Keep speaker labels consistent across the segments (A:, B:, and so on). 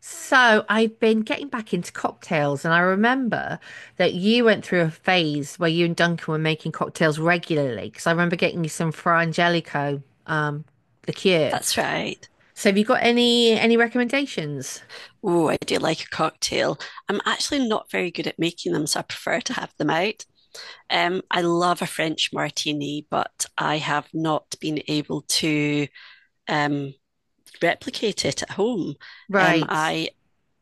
A: So I've been getting back into cocktails, and I remember that you went through a phase where you and Duncan were making cocktails regularly. Because I remember getting you some Fra Angelico um, liqueur.
B: That's right.
A: So have you got any recommendations?
B: Oh, I do like a cocktail. I'm actually not very good at making them, so I prefer to have them out. I love a French martini, but I have not been able to um, replicate it at home. Um,
A: Right.
B: I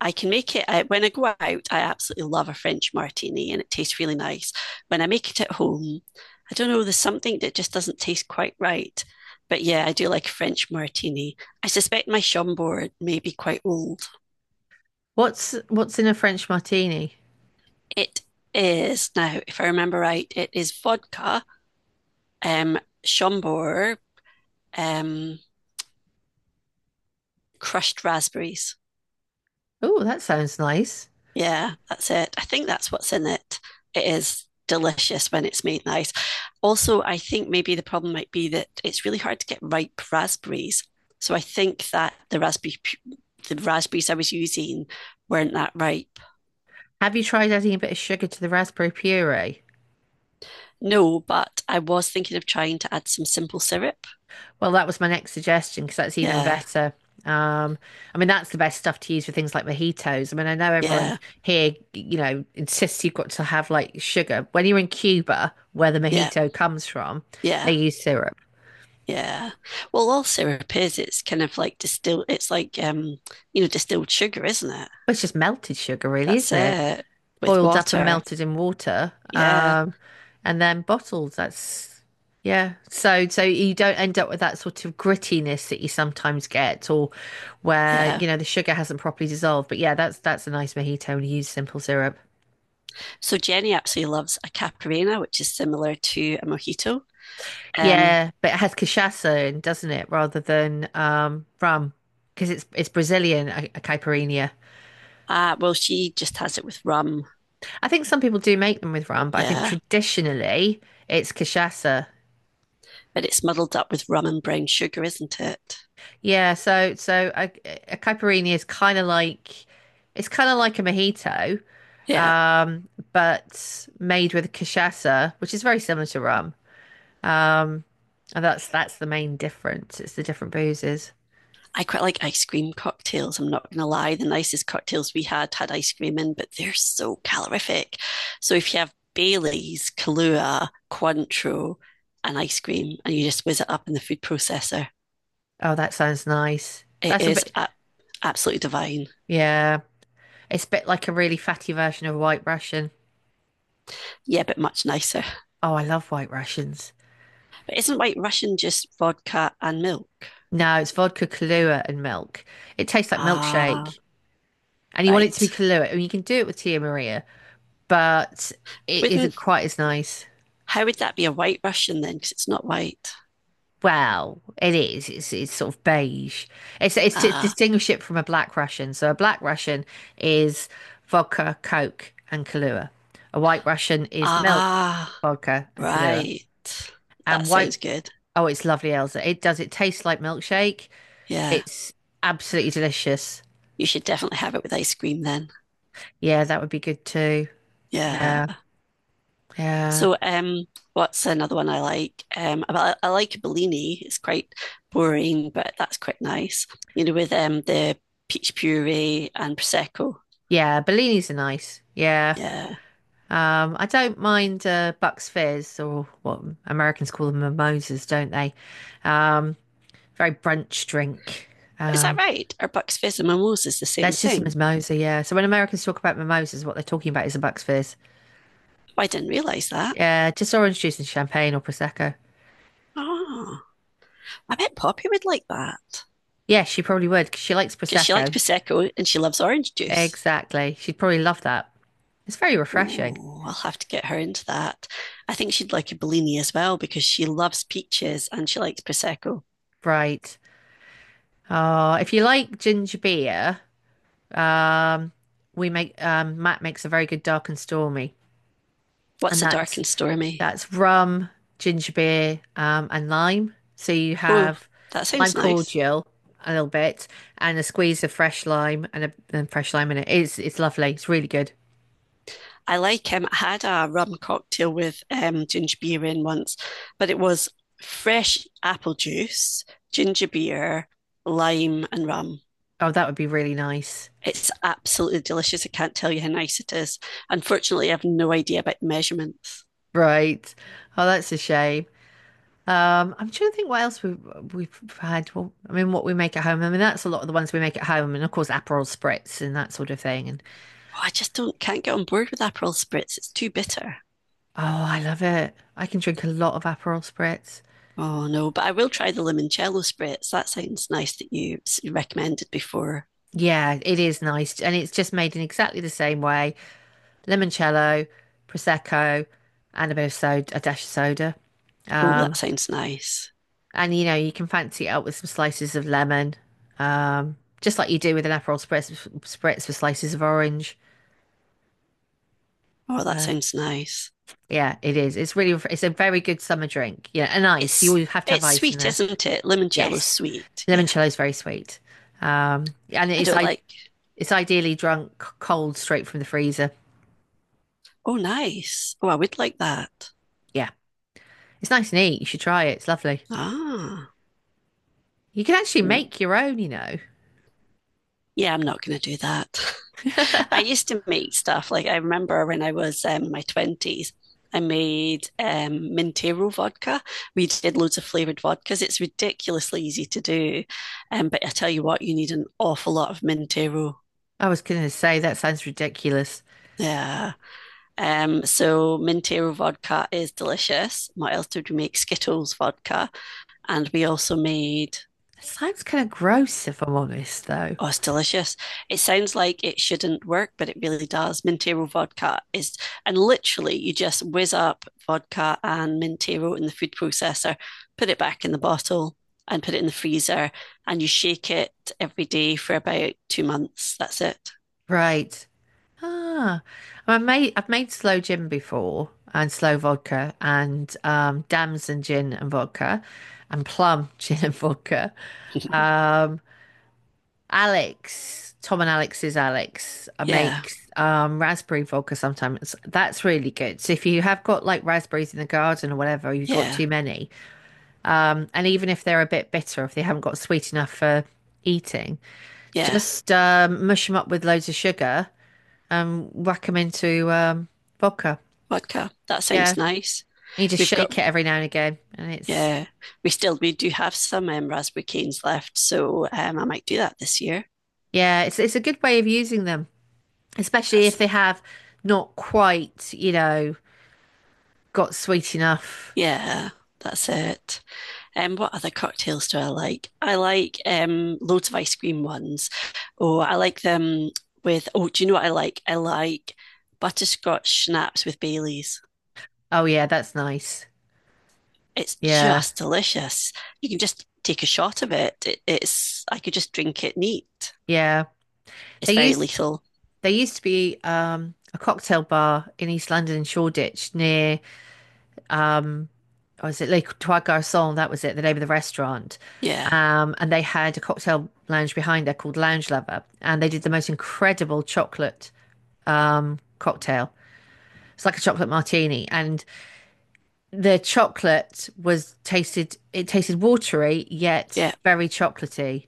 B: I can make it when I go out. I absolutely love a French martini, and it tastes really nice. When I make it at home, I don't know. There's something that just doesn't taste quite right. But yeah, I do like a French martini. I suspect my Schomburg may be quite old.
A: What's in a French martini?
B: It is now, if I remember right, it is vodka, um, Schomburg, um, crushed raspberries.
A: Oh, that sounds nice.
B: Yeah, that's it. I think that's what's in it. It is delicious when it's made nice. Also, I think maybe the problem might be that it's really hard to get ripe raspberries. So I think that the raspberries I was using weren't that ripe.
A: Have you tried adding a bit of sugar to the raspberry puree?
B: No, but I was thinking of trying to add some simple syrup.
A: Well, that was my next suggestion because that's even
B: Yeah,
A: better. Um, I mean, that's the best stuff to use for things like mojitos. I mean, I know everyone
B: yeah,
A: here, insists you've got to have like sugar. When you're in Cuba, where the
B: yeah,
A: mojito comes from,
B: yeah.
A: they use syrup.
B: Yeah. Well, all syrup is, it's kind of like distilled, it's like, distilled sugar, isn't it?
A: Well, it's just melted sugar, really,
B: That's
A: isn't it?
B: it with
A: Boiled up and
B: water.
A: melted in water,
B: Yeah.
A: and then bottled. That's yeah. So you don't end up with that sort of grittiness that you sometimes get, or where
B: Yeah.
A: you know, the sugar hasn't properly dissolved. But yeah, that's a nice mojito when you use simple syrup.
B: So Jenny actually loves a Caparina, which is similar to a mojito. Um,
A: Yeah, but it has cachaça in, doesn't it, rather than rum. Because it's Brazilian a caipirinha.
B: ah, well, she just has it with rum.
A: I think some people do make them with rum, but I think
B: Yeah.
A: traditionally it's cachaça.
B: But it's muddled up with rum and brown sugar, isn't it?
A: Yeah, so a caipirinha is kind of like, it's kind of like, a mojito,
B: Yeah.
A: um, but made with cachaça, which is very similar to rum. Um, and that's the main difference. It's the different boozes.
B: I quite like ice cream cocktails. I'm not going to lie. The nicest cocktails we had had ice cream in, but they're so calorific. So if you have Bailey's, Kahlua, Cointreau, and ice cream, and you just whiz it up in the food processor,
A: Oh, that sounds nice.
B: it
A: That's a
B: is
A: bit,
B: a- absolutely divine.
A: yeah. It's a bit like a really fatty version of White Russian.
B: Yeah, but much nicer.
A: Oh, I love White Russians.
B: But isn't White Russian just vodka and milk?
A: No, it's vodka, Kahlua, and milk. It tastes like
B: Ah,
A: milkshake, and you want it to be
B: right.
A: Kahlua, and you can do it with Tia Maria. But it isn't
B: Wouldn't
A: quite as nice.
B: how would that be a White Russian then? Because it's not white.
A: Well, it is. It's sort of beige. It's to
B: Ah,
A: distinguish it from a black Russian. So a black Russian is vodka, Coke, and Kahlua. A white Russian is milk,
B: ah,
A: vodka, and Kahlua.
B: right.
A: And
B: That
A: white,
B: sounds good.
A: oh, it's lovely, Elsa. It does. It tastes like milkshake.
B: Yeah.
A: It's absolutely delicious.
B: You should definitely have it with ice cream then.
A: Yeah, that would be good too.
B: Yeah.
A: Yeah, yeah,
B: So what's another one I like? I like a Bellini. It's quite boring, but that's quite nice. You know, with the peach puree and prosecco.
A: yeah. Bellinis are nice. Yeah.
B: Yeah.
A: I don't mind Bucks Fizz, or what Americans call them, mimosas, don't they? Um, very brunch drink.
B: Is that
A: Um,
B: right? Are Bucks Fizz and mimosas the same
A: that's just a
B: thing?
A: mimosa, yeah. So when Americans talk about mimosas, what they're talking about is a Bucks Fizz.
B: Oh, I didn't realise that.
A: Yeah, just orange juice and champagne or prosecco.
B: Oh, I bet Poppy would like that
A: Yeah, she probably would because she likes
B: because she likes
A: prosecco.
B: prosecco and she loves orange juice.
A: Exactly, she'd probably love that. It's very refreshing,
B: Oh, I'll have to get her into that. I think she'd like a Bellini as well because she loves peaches and she likes prosecco.
A: right? If you like ginger beer, um, we make Matt makes a very good dark and stormy, and
B: What's a dark and stormy?
A: that's rum, ginger beer, and lime. So you
B: Oh,
A: have
B: that
A: lime
B: sounds nice.
A: cordial, a little bit, and a squeeze of fresh lime, and a and fresh lime in it. It's lovely. It's really good.
B: I like him. I had a rum cocktail with ginger beer in once, but it was fresh apple juice, ginger beer, lime, and rum.
A: Oh, that would be really nice.
B: It's absolutely delicious. I can't tell you how nice it is. Unfortunately, I have no idea about the measurements.
A: Right. Oh, that's a shame. I'm trying to think what else we we've had. Well, I mean, what we make at home. I mean, that's a lot of the ones we make at home, and of course, Aperol spritz and that sort of thing. And
B: Oh, I just don't can't get on board with Aperol spritz. It's too bitter.
A: oh, I love it. I can drink a lot of Aperol spritz.
B: Oh no, but I will try the limoncello spritz. That sounds nice that you recommended before.
A: Yeah, it is nice, and it's just made in exactly the same way. Limoncello, prosecco, and a bit of soda, a dash of soda.
B: Oh, that
A: Um,
B: sounds nice.
A: and you know, you can fancy it up with some slices of lemon, just like you do with an Aperol spritz with slices of orange.
B: Oh, that
A: Uh,
B: sounds nice.
A: yeah, it is. It's it's a very good summer drink. Yeah, and ice. You always have to have
B: It's
A: ice in
B: sweet,
A: there.
B: isn't it? Limoncello's
A: Yes,
B: sweet. Yeah.
A: limoncello is very sweet, um, and
B: I
A: it's
B: don't
A: i
B: like.
A: it's ideally drunk cold straight from the freezer.
B: Oh, nice. Oh, I would like that.
A: Yeah, it's nice and neat. You should try it. It's lovely.
B: Ah.
A: You can actually
B: Mm.
A: make your own, you know.
B: Yeah, I'm not going to do that. I used to make stuff like I remember when I was in my 20s, I made Mintero vodka. We did loads of flavored vodkas. It's ridiculously easy to do. But I tell you what, you need an awful lot of Mintero.
A: I was going to say that sounds ridiculous.
B: Yeah. So Mintero vodka is delicious. What else did we make? Skittles vodka, and we also made.
A: It sounds kind of gross, if I'm honest, though.
B: Oh, it's delicious. It sounds like it shouldn't work, but it really does. Mintero vodka is, and literally, you just whiz up vodka and Mintero in the food processor, put it back in the bottle, and put it in the freezer, and you shake it every day for about 2 months. That's it.
A: Right. Ah, I've made slow gin before and slow vodka and damson gin and vodka and plum gin and vodka. Um, Alex, Tom and Alex's Alex
B: yeah,
A: makes raspberry vodka sometimes. That's really good. So if you have got like raspberries in the garden or whatever, you've got
B: yeah,
A: too many. And even if they're a bit bitter, if they haven't got sweet enough for eating,
B: yeah.
A: just mush them up with loads of sugar and whack them into vodka.
B: Vodka. That
A: Yeah,
B: sounds nice.
A: you just
B: We've got
A: shake it every now and again, and it's
B: Yeah, we do have some raspberry canes left, so I might do that this year.
A: yeah, it's a good way of using them, especially if
B: That's
A: they have not quite, you know, got sweet enough.
B: yeah, that's it. What other cocktails do I like? I like loads of ice cream ones. Oh, I like them with oh, do you know what I like? I like butterscotch schnapps with Baileys.
A: Oh yeah, that's nice.
B: It's
A: Yeah,
B: just delicious. You can just take a shot of it. It's I could just drink it neat.
A: yeah.
B: It's
A: They
B: very
A: used
B: lethal.
A: they used to be a cocktail bar in East London, in Shoreditch, near, or was it Les Trois Garçons? That was it, the name of the restaurant.
B: Yeah,
A: And they had a cocktail lounge behind there called Lounge Lover, and they did the most incredible chocolate cocktail. It's like a chocolate martini, and the chocolate was tasted. It tasted watery yet
B: yeah.
A: very chocolatey,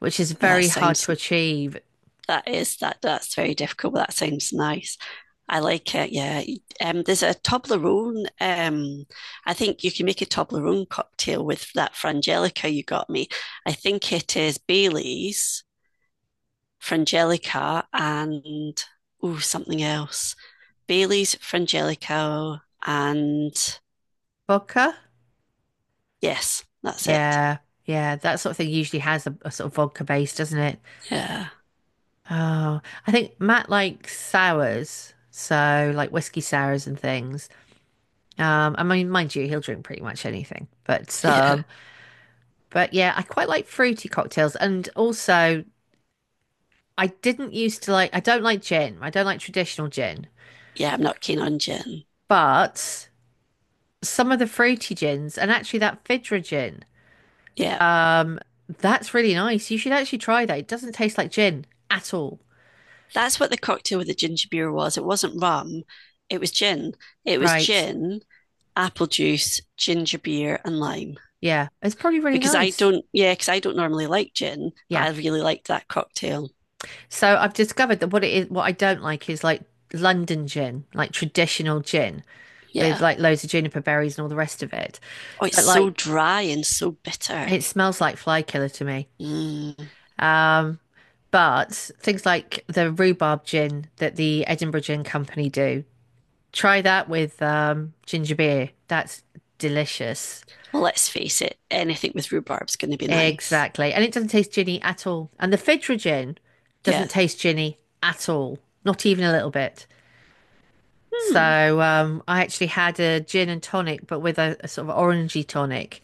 A: which is
B: Well, that
A: very hard
B: sounds
A: to achieve.
B: that's very difficult, but that sounds nice. I like it. Yeah. There's a Toblerone. I think you can make a Toblerone cocktail with that frangelica you got me. I think it is Bailey's frangelica and oh something else. Bailey's frangelica and
A: Vodka,
B: yes, that's it.
A: yeah, yeah, that sort of thing usually has a sort of vodka base, doesn't it?
B: Yeah,
A: Oh, I think Matt likes sours, so like whiskey sours and things. I mean, mind you, he'll drink pretty much anything. But
B: yeah,
A: um, but yeah, I quite like fruity cocktails, and also I didn't used to like. I don't like gin. I don't like traditional gin,
B: yeah. I'm not keen on gin.
A: but some of the fruity gins, and actually that Fidra gin,
B: Yeah.
A: um, that's really nice. You should actually try that. It doesn't taste like gin at all,
B: That's what the cocktail with the ginger beer was. It wasn't rum, it was gin. It was
A: right?
B: gin, apple juice, ginger beer, and lime.
A: Yeah, it's probably really
B: Because I
A: nice.
B: don't, yeah, because I don't normally like gin, but
A: Yeah.
B: I really liked that cocktail.
A: So I've discovered that what it is, what I don't like is like London gin, like traditional gin with
B: Yeah.
A: like loads of juniper berries and all the rest of it.
B: Oh, it's
A: But like
B: so dry and so bitter.
A: it smells like fly killer to me.
B: Mm.
A: Um, but things like the rhubarb gin that the Edinburgh Gin Company do, try that with ginger beer. That's delicious.
B: Well, let's face it, anything with rhubarb's going to be nice.
A: Exactly. And it doesn't taste ginny at all. And the Fidra gin
B: Yeah.
A: doesn't taste ginny at all, not even a little bit.
B: Hmm.
A: So I actually had a gin and tonic, but with a sort of orangey tonic,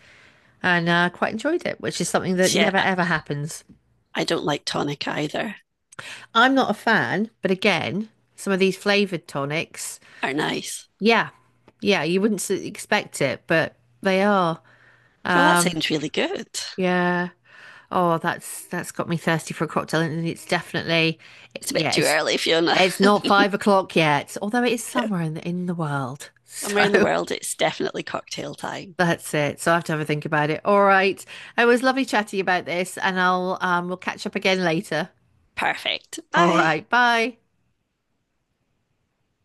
A: and quite enjoyed it, which is something that
B: So, yeah,
A: never ever happens.
B: I don't like tonic either.
A: I'm not a fan, but again, some of these flavored tonics,
B: Are nice.
A: yeah, yeah, you wouldn't expect it, but they are.
B: Oh, that
A: Um,
B: sounds really good.
A: yeah. Oh, that's got me thirsty for a cocktail, and it's definitely,
B: It's a bit
A: yeah,
B: too early, Fiona.
A: it's not 5 o'clock yet, although it is somewhere in the world.
B: Somewhere
A: So
B: in the world, it's definitely cocktail time.
A: that's it. So I have to have a think about it. All right. It was lovely chatting about this, and I'll we'll catch up again later.
B: Perfect.
A: All
B: Bye.
A: right. Bye.